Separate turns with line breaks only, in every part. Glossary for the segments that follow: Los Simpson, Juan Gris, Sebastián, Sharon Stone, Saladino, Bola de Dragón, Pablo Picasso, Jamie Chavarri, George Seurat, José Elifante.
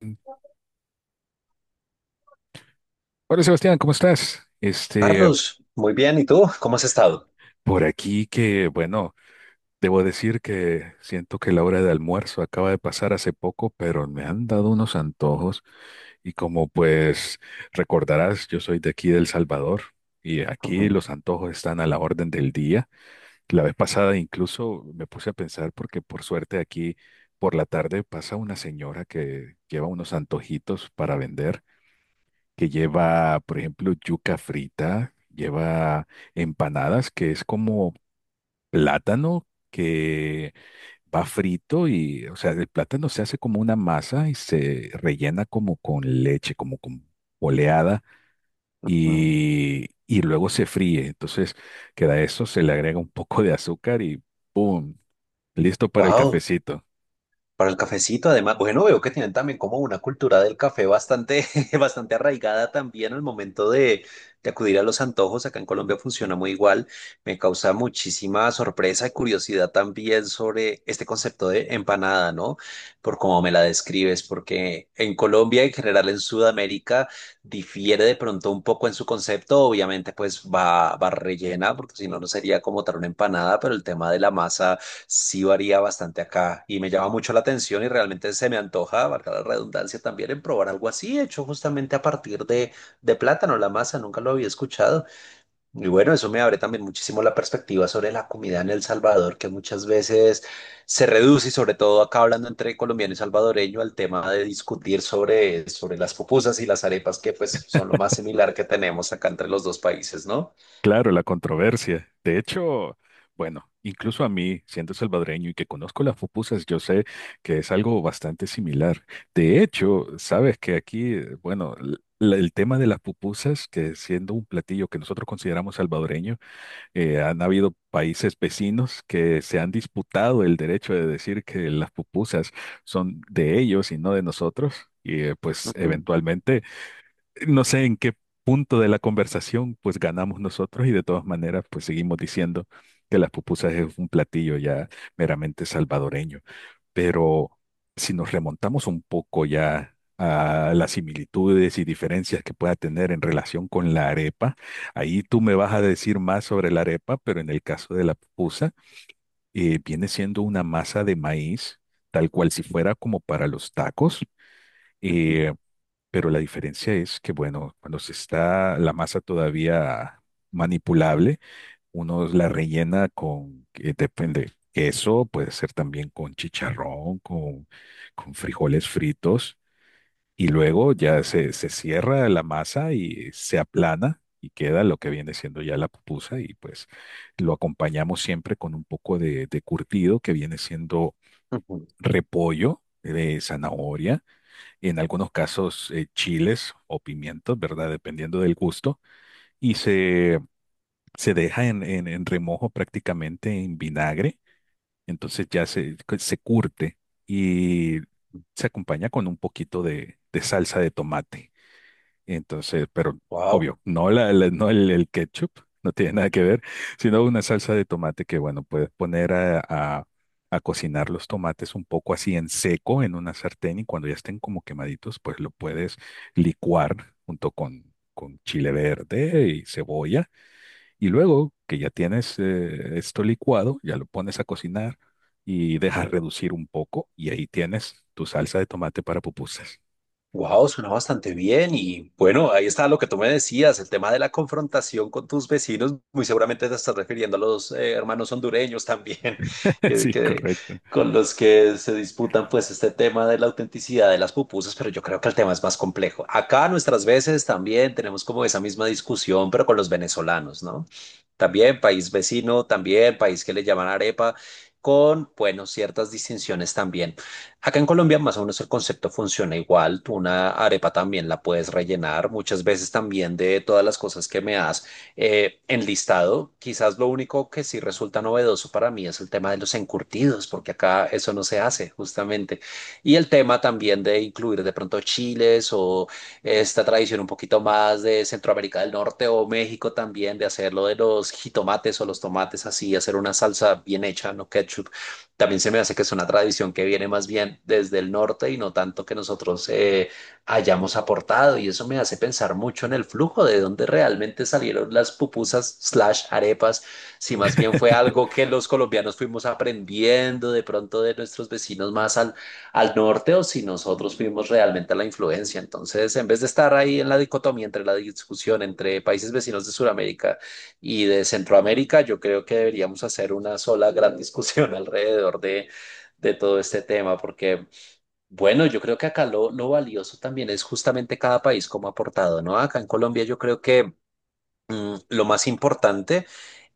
Hola Sebastián, ¿cómo estás?
Carlos, muy bien. ¿Y tú? ¿Cómo has estado?
Por aquí bueno, debo decir que siento que la hora de almuerzo acaba de pasar hace poco, pero me han dado unos antojos y como pues recordarás, yo soy de aquí de El Salvador y aquí los antojos están a la orden del día. La vez pasada incluso me puse a pensar porque por suerte aquí por la tarde pasa una señora que lleva unos antojitos para vender, que lleva, por ejemplo, yuca frita, lleva empanadas, que es como plátano que va frito y, o sea, el plátano se hace como una masa y se rellena como con leche, como con oleada y, luego se fríe. Entonces, queda eso, se le agrega un poco de azúcar y ¡pum! Listo para el
Wow.
cafecito.
Para el cafecito, además, bueno, veo que tienen también como una cultura del café bastante, bastante arraigada también al momento de acudir a los antojos. Acá en Colombia funciona muy igual. Me causa muchísima sorpresa y curiosidad también sobre este concepto de empanada, ¿no? Por cómo me la describes, porque en Colombia, en general en Sudamérica, difiere de pronto un poco en su concepto. Obviamente, pues va rellena, porque si no, no sería como tal una empanada, pero el tema de la masa sí varía bastante acá y me llama mucho la atención y realmente se me antoja, valga la redundancia, también en probar algo así, hecho justamente a partir de, plátano, la masa, nunca lo había escuchado. Y bueno, eso me abre también muchísimo la perspectiva sobre la comida en El Salvador, que muchas veces se reduce, y sobre todo acá hablando entre colombiano y salvadoreño, al tema de discutir sobre las pupusas y las arepas, que pues son lo más similar que tenemos acá entre los dos países, ¿no?
Claro, la controversia. De hecho, bueno, incluso a mí, siendo salvadoreño y que conozco las pupusas, yo sé que es algo bastante similar. De hecho, sabes que aquí, bueno, el tema de las pupusas, que siendo un platillo que nosotros consideramos salvadoreño, han habido países vecinos que se han disputado el derecho de decir que las pupusas son de ellos y no de nosotros. Y pues eventualmente no sé en qué punto de la conversación, pues ganamos nosotros y de todas maneras, pues seguimos diciendo que las pupusas es un platillo ya meramente salvadoreño. Pero si nos remontamos un poco ya a las similitudes y diferencias que pueda tener en relación con la arepa, ahí tú me vas a decir más sobre la arepa, pero en el caso de la pupusa, viene siendo una masa de maíz, tal cual si fuera como para los tacos. eh, pero la diferencia es que, bueno, cuando se está la masa todavía manipulable, uno la rellena con, depende, queso, puede ser también con chicharrón, con frijoles fritos, y luego ya se cierra la masa y se aplana y queda lo que viene siendo ya la pupusa, y pues lo acompañamos siempre con un poco de curtido que viene siendo repollo, de zanahoria en algunos casos chiles o pimientos, ¿verdad? Dependiendo del gusto, y se deja en, en remojo prácticamente en vinagre, entonces ya se curte y se acompaña con un poquito de salsa de tomate. Entonces, pero
Wow.
obvio, no, no el, el ketchup, no tiene nada que ver, sino una salsa de tomate que, bueno, puedes poner a, a cocinar los tomates un poco así en seco en una sartén y cuando ya estén como quemaditos, pues lo puedes licuar junto con chile verde y cebolla. Y luego que ya tienes esto licuado, ya lo pones a cocinar y dejas reducir un poco y ahí tienes tu salsa de tomate para pupusas.
Wow, suena bastante bien y bueno, ahí está lo que tú me decías, el tema de la confrontación con tus vecinos, muy seguramente te estás refiriendo a los hermanos hondureños también, que,
Sí,
que-
correcto.
con los que se disputan pues este tema de la autenticidad de las pupusas, pero yo creo que el tema es más complejo. Acá nuestras veces también tenemos como esa misma discusión, pero con los venezolanos, ¿no? También país vecino, también país que le llaman arepa, con, bueno, ciertas distinciones también. Acá en Colombia más o menos el concepto funciona igual. Tú una arepa también la puedes rellenar. Muchas veces también de todas las cosas que me has enlistado, quizás lo único que sí resulta novedoso para mí es el tema de los encurtidos, porque acá eso no se hace justamente. Y el tema también de incluir de pronto chiles o esta tradición un poquito más de Centroamérica del Norte o México también de hacerlo de los jitomates o los tomates así, hacer una salsa bien hecha, no ketchup también se me hace que es una tradición que viene más bien desde el norte y no tanto que nosotros hayamos aportado. Y eso me hace pensar mucho en el flujo de dónde realmente salieron las pupusas/arepas, si más bien fue algo que los colombianos fuimos aprendiendo de pronto de nuestros vecinos más al, norte o si nosotros fuimos realmente a la influencia. Entonces, en vez de estar ahí en la dicotomía entre la discusión entre países vecinos de Sudamérica, y de Centroamérica, yo creo que deberíamos hacer una sola gran discusión alrededor de todo este tema, porque, bueno, yo creo que acá lo valioso también es justamente cada país como ha aportado, ¿no? Acá en Colombia yo creo que lo más importante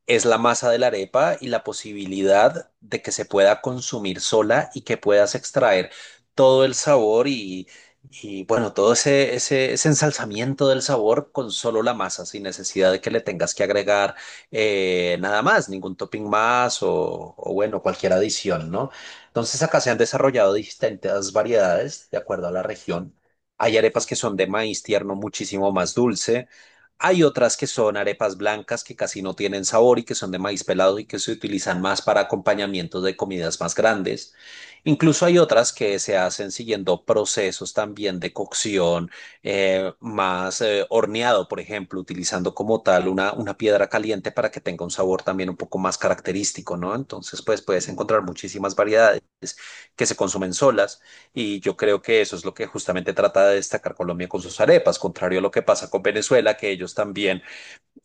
es la masa de la arepa y la posibilidad de que se pueda consumir sola y que puedas extraer todo el sabor y, bueno, todo ese ensalzamiento del sabor con solo la masa, sin necesidad de que le tengas que agregar nada más, ningún topping más o bueno, cualquier adición, ¿no? Entonces acá se han desarrollado distintas variedades de acuerdo a la región. Hay arepas que son de maíz tierno muchísimo más dulce. Hay otras que son arepas blancas que casi no tienen sabor y que son de maíz pelado y que se utilizan más para acompañamientos de comidas más grandes. Incluso hay otras que se hacen siguiendo procesos también de cocción más horneado, por ejemplo, utilizando como tal una piedra caliente para que tenga un sabor también un poco más característico, ¿no? Entonces, pues puedes encontrar muchísimas variedades que se consumen solas y yo creo que eso es lo que justamente trata de destacar Colombia con sus arepas, contrario a lo que pasa con Venezuela, que ellos también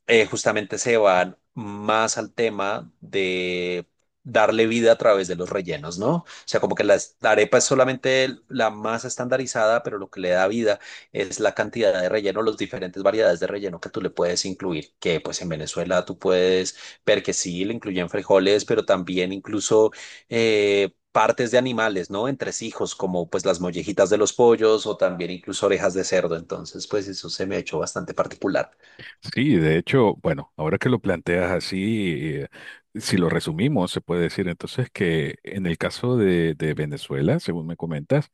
justamente se van más al tema de darle vida a través de los rellenos, ¿no? O sea, como que la arepa es solamente la masa estandarizada, pero lo que le da vida es la cantidad de relleno, las diferentes variedades de relleno que tú le puedes incluir, que pues en Venezuela tú puedes ver que sí, le incluyen frijoles, pero también incluso, partes de animales, ¿no? Entresijos, como pues las mollejitas de los pollos o también incluso orejas de cerdo. Entonces, pues eso se me ha hecho bastante particular.
Sí, de hecho, bueno, ahora que lo planteas así, eh, si lo resumimos, se puede decir entonces que en el caso de Venezuela, según me comentas,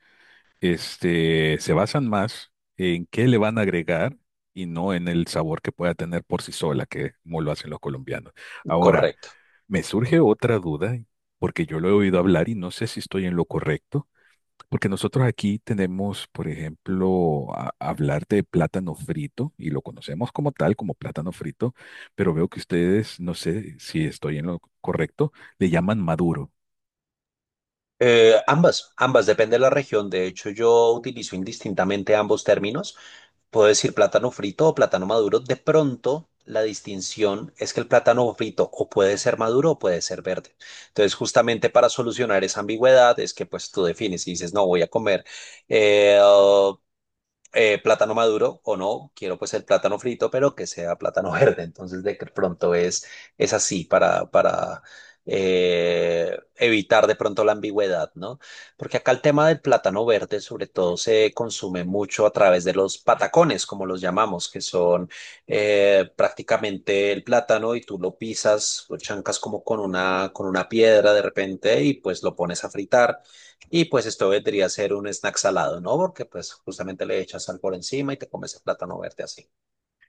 se basan más en qué le van a agregar y no en el sabor que pueda tener por sí sola, que es como lo hacen los colombianos. Ahora,
Correcto.
me surge otra duda, porque yo lo he oído hablar y no sé si estoy en lo correcto porque nosotros aquí tenemos, por ejemplo, hablar de plátano frito y lo conocemos como tal, como plátano frito, pero veo que ustedes, no sé si estoy en lo correcto, le llaman maduro.
Ambas, ambas, depende de la región. De hecho, yo utilizo indistintamente ambos términos. Puedo decir plátano frito o plátano maduro. De pronto, la distinción es que el plátano frito o puede ser maduro o puede ser verde. Entonces, justamente para solucionar esa ambigüedad es que pues tú defines y dices, no, voy a comer eh, plátano maduro o no, quiero pues el plátano frito, pero que sea plátano verde. Entonces de que pronto es, así para evitar de pronto la ambigüedad, ¿no? Porque acá el tema del plátano verde sobre todo se consume mucho a través de los patacones, como los llamamos, que son prácticamente el plátano y tú lo pisas, lo chancas como con una piedra de repente y pues lo pones a fritar. Y pues esto vendría a ser un snack salado, ¿no? Porque pues justamente le echas sal por encima y te comes el plátano verde así.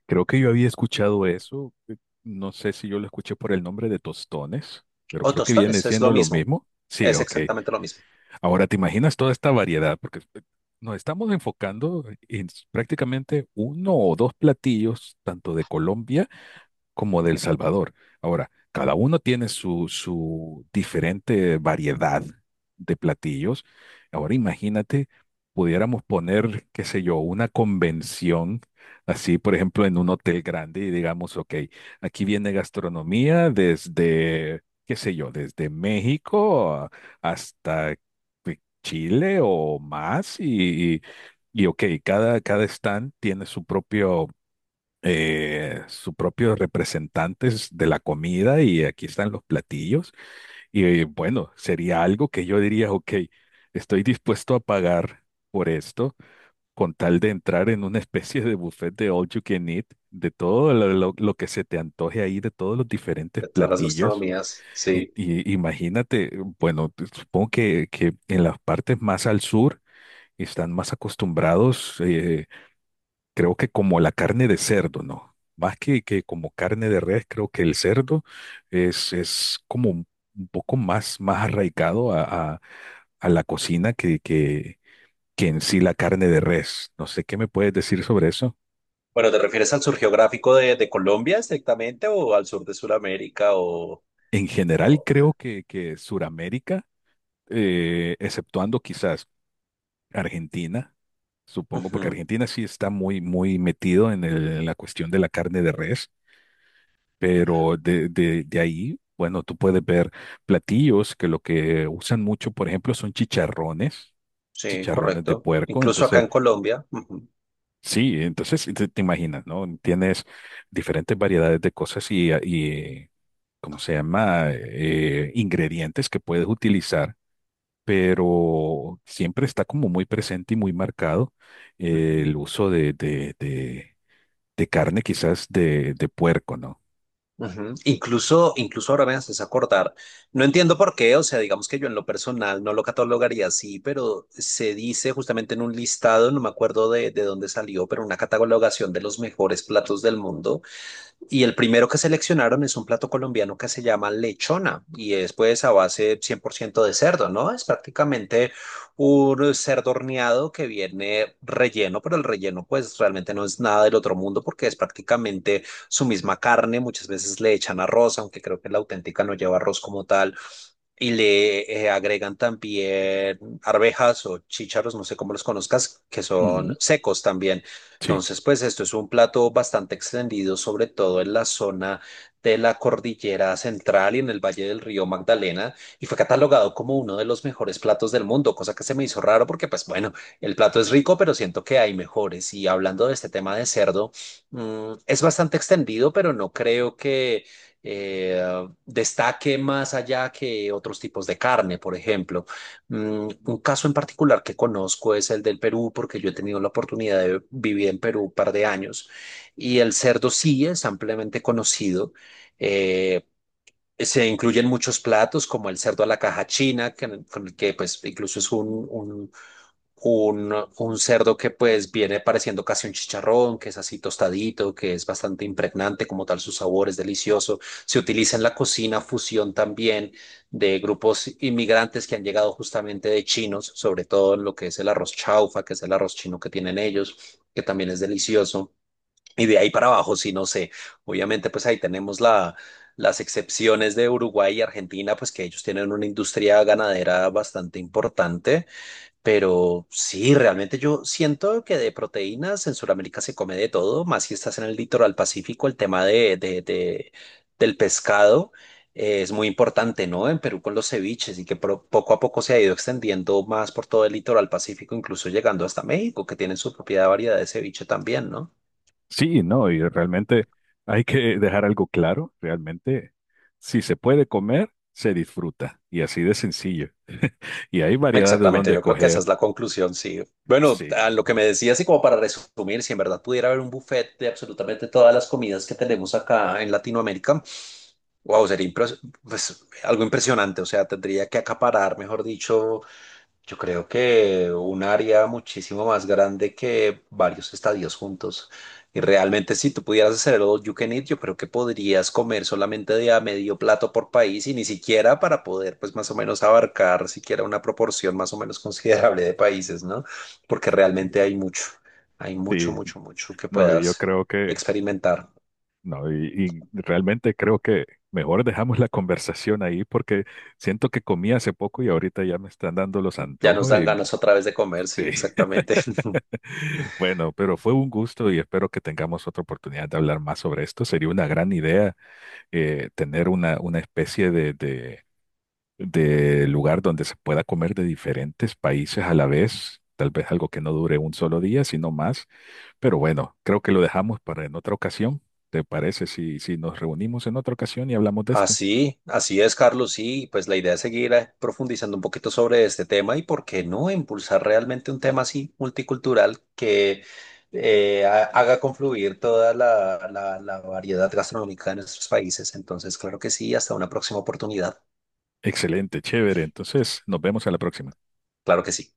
Creo que yo había escuchado eso, no sé si yo lo escuché por el nombre de tostones, pero
O
creo que viene
tostones, es
siendo
lo
lo
mismo,
mismo. Sí,
es
ok.
exactamente lo mismo.
Ahora te imaginas toda esta variedad, porque nos estamos enfocando en prácticamente uno o dos platillos, tanto de Colombia, como de El Salvador. Ahora, cada uno tiene su, su diferente variedad de platillos. Ahora imagínate, pudiéramos poner, qué sé yo, una convención, así por ejemplo en un hotel grande y digamos, ok, aquí viene gastronomía desde, qué sé yo, desde México hasta Chile o más y, y, ok, cada stand tiene su propio sus propios representantes de la comida y aquí están los platillos. Y bueno, sería algo que yo diría, ok, estoy dispuesto a pagar por esto con tal de entrar en una especie de buffet de all you can eat, de todo lo, lo que se te antoje ahí, de todos los diferentes
De todas las
platillos.
gastronomías, sí.
Y imagínate, bueno, supongo que en las partes más al sur están más acostumbrados. Creo que como la carne de cerdo, ¿no? Más que como carne de res, creo que el cerdo es como un poco más, más arraigado a, a- a la cocina que en sí la carne de res. No sé qué me puedes decir sobre eso.
Bueno, ¿te refieres al sur geográfico de, Colombia estrictamente o al sur de Sudamérica o...?
En general,
o-
creo que Suramérica, exceptuando quizás Argentina, supongo, porque
Ujú.
Argentina sí está muy, muy metido en en la cuestión de la carne de res. Pero de ahí, bueno, tú puedes ver platillos que lo que usan mucho, por ejemplo, son chicharrones,
Sí,
chicharrones de
correcto.
puerco.
Incluso acá en Colombia. Ujú.
Entonces sí, te imaginas, ¿no? Tienes diferentes variedades de cosas y ¿cómo se llama? Ingredientes que puedes utilizar, pero siempre está como muy presente y muy marcado
Ujú.
el uso de carne, quizás de puerco, ¿no?
Ujú. Incluso ahora me haces acordar. No entiendo por qué, o sea, digamos que yo en lo personal no lo catalogaría así, pero se dice justamente en un listado, no me acuerdo de dónde salió, pero una catalogación de los mejores platos del mundo. Y el primero que seleccionaron es un plato colombiano que se llama lechona y es pues a base 100% de cerdo, ¿no? Es prácticamente un cerdo horneado que viene relleno, pero el relleno pues realmente no es nada del otro mundo porque es prácticamente su misma carne. Muchas veces le echan arroz, aunque creo que la auténtica no lleva arroz como tal y le agregan también arvejas o chícharos, no sé cómo los conozcas, que
Ujú,
son secos también.
sí.
Entonces, pues esto es un plato bastante extendido, sobre todo en la zona de la cordillera central y en el valle del río Magdalena, y fue catalogado como uno de los mejores platos del mundo, cosa que se me hizo raro porque, pues bueno, el plato es rico, pero siento que hay mejores. Y hablando de este tema de cerdo, es bastante extendido, pero no creo que eh, destaque más allá que otros tipos de carne, por ejemplo. Un caso en particular que conozco es el del Perú, porque yo he tenido la oportunidad de vivir en Perú un par de años y el cerdo sí es ampliamente conocido. Eh, se incluyen muchos platos como el cerdo a la caja china, con el que pues incluso es un cerdo que pues viene pareciendo casi un chicharrón, que es así tostadito, que es bastante impregnante como tal, su sabor es delicioso. Se utiliza en la cocina fusión también de grupos inmigrantes que han llegado justamente de chinos, sobre todo en lo que es el arroz chaufa, que es el arroz chino que tienen ellos, que también es delicioso. Y de ahí para abajo, sí, no sé. Obviamente, pues ahí tenemos las excepciones de Uruguay y Argentina, pues que ellos tienen una industria ganadera bastante importante pero sí, realmente yo siento que de proteínas en Sudamérica se come de todo, más si estás en el litoral pacífico, el tema de, del pescado es muy importante, ¿no? En Perú con los ceviches y que poco a poco se ha ido extendiendo más por todo el litoral pacífico, incluso llegando hasta México, que tienen su propia variedad de ceviche también, ¿no?
Sí, no, y realmente hay que dejar algo claro, realmente, si se puede comer, se disfruta, y así de sencillo. Y hay variedad de
Exactamente,
dónde
yo creo que esa
escoger.
es la conclusión, sí. Bueno, a
Sí,
lo que me decías y como para resumir, si en verdad pudiera haber un buffet de absolutamente todas las comidas que tenemos acá en Latinoamérica, wow, sería pues, algo impresionante, o sea, tendría que acaparar, mejor dicho, yo creo que un área muchísimo más grande que varios estadios juntos. Y realmente si tú pudieras hacer el all you can eat, yo creo que podrías comer solamente de a medio plato por país y ni siquiera para poder pues más o menos abarcar siquiera una proporción más o menos considerable de países, ¿no? Porque realmente
sí,
hay mucho,
sí,
mucho, mucho que
no, y yo
puedas
creo que,
experimentar.
no, y realmente creo que mejor dejamos la conversación ahí porque siento que comí hace poco y ahorita ya me están dando los
Ya nos
antojos
dan
y
ganas otra vez de comer, sí,
sí.
exactamente.
Bueno, pero fue un gusto y espero que tengamos otra oportunidad de hablar más sobre esto. Sería una gran idea tener una especie de, de lugar donde se pueda comer de diferentes países a la vez, tal vez algo que no dure un solo día, sino más, pero bueno, creo que lo dejamos para en otra ocasión. ¿Te parece si, si nos reunimos en otra ocasión y hablamos de esto?
Así, así es, Carlos. Sí, pues la idea es seguir profundizando un poquito sobre este tema y por qué no impulsar realmente un tema así multicultural que haga confluir toda la variedad gastronómica de nuestros países. Entonces, claro que sí, hasta una próxima oportunidad.
Excelente, chévere. Entonces, nos vemos a la próxima.
Claro que sí.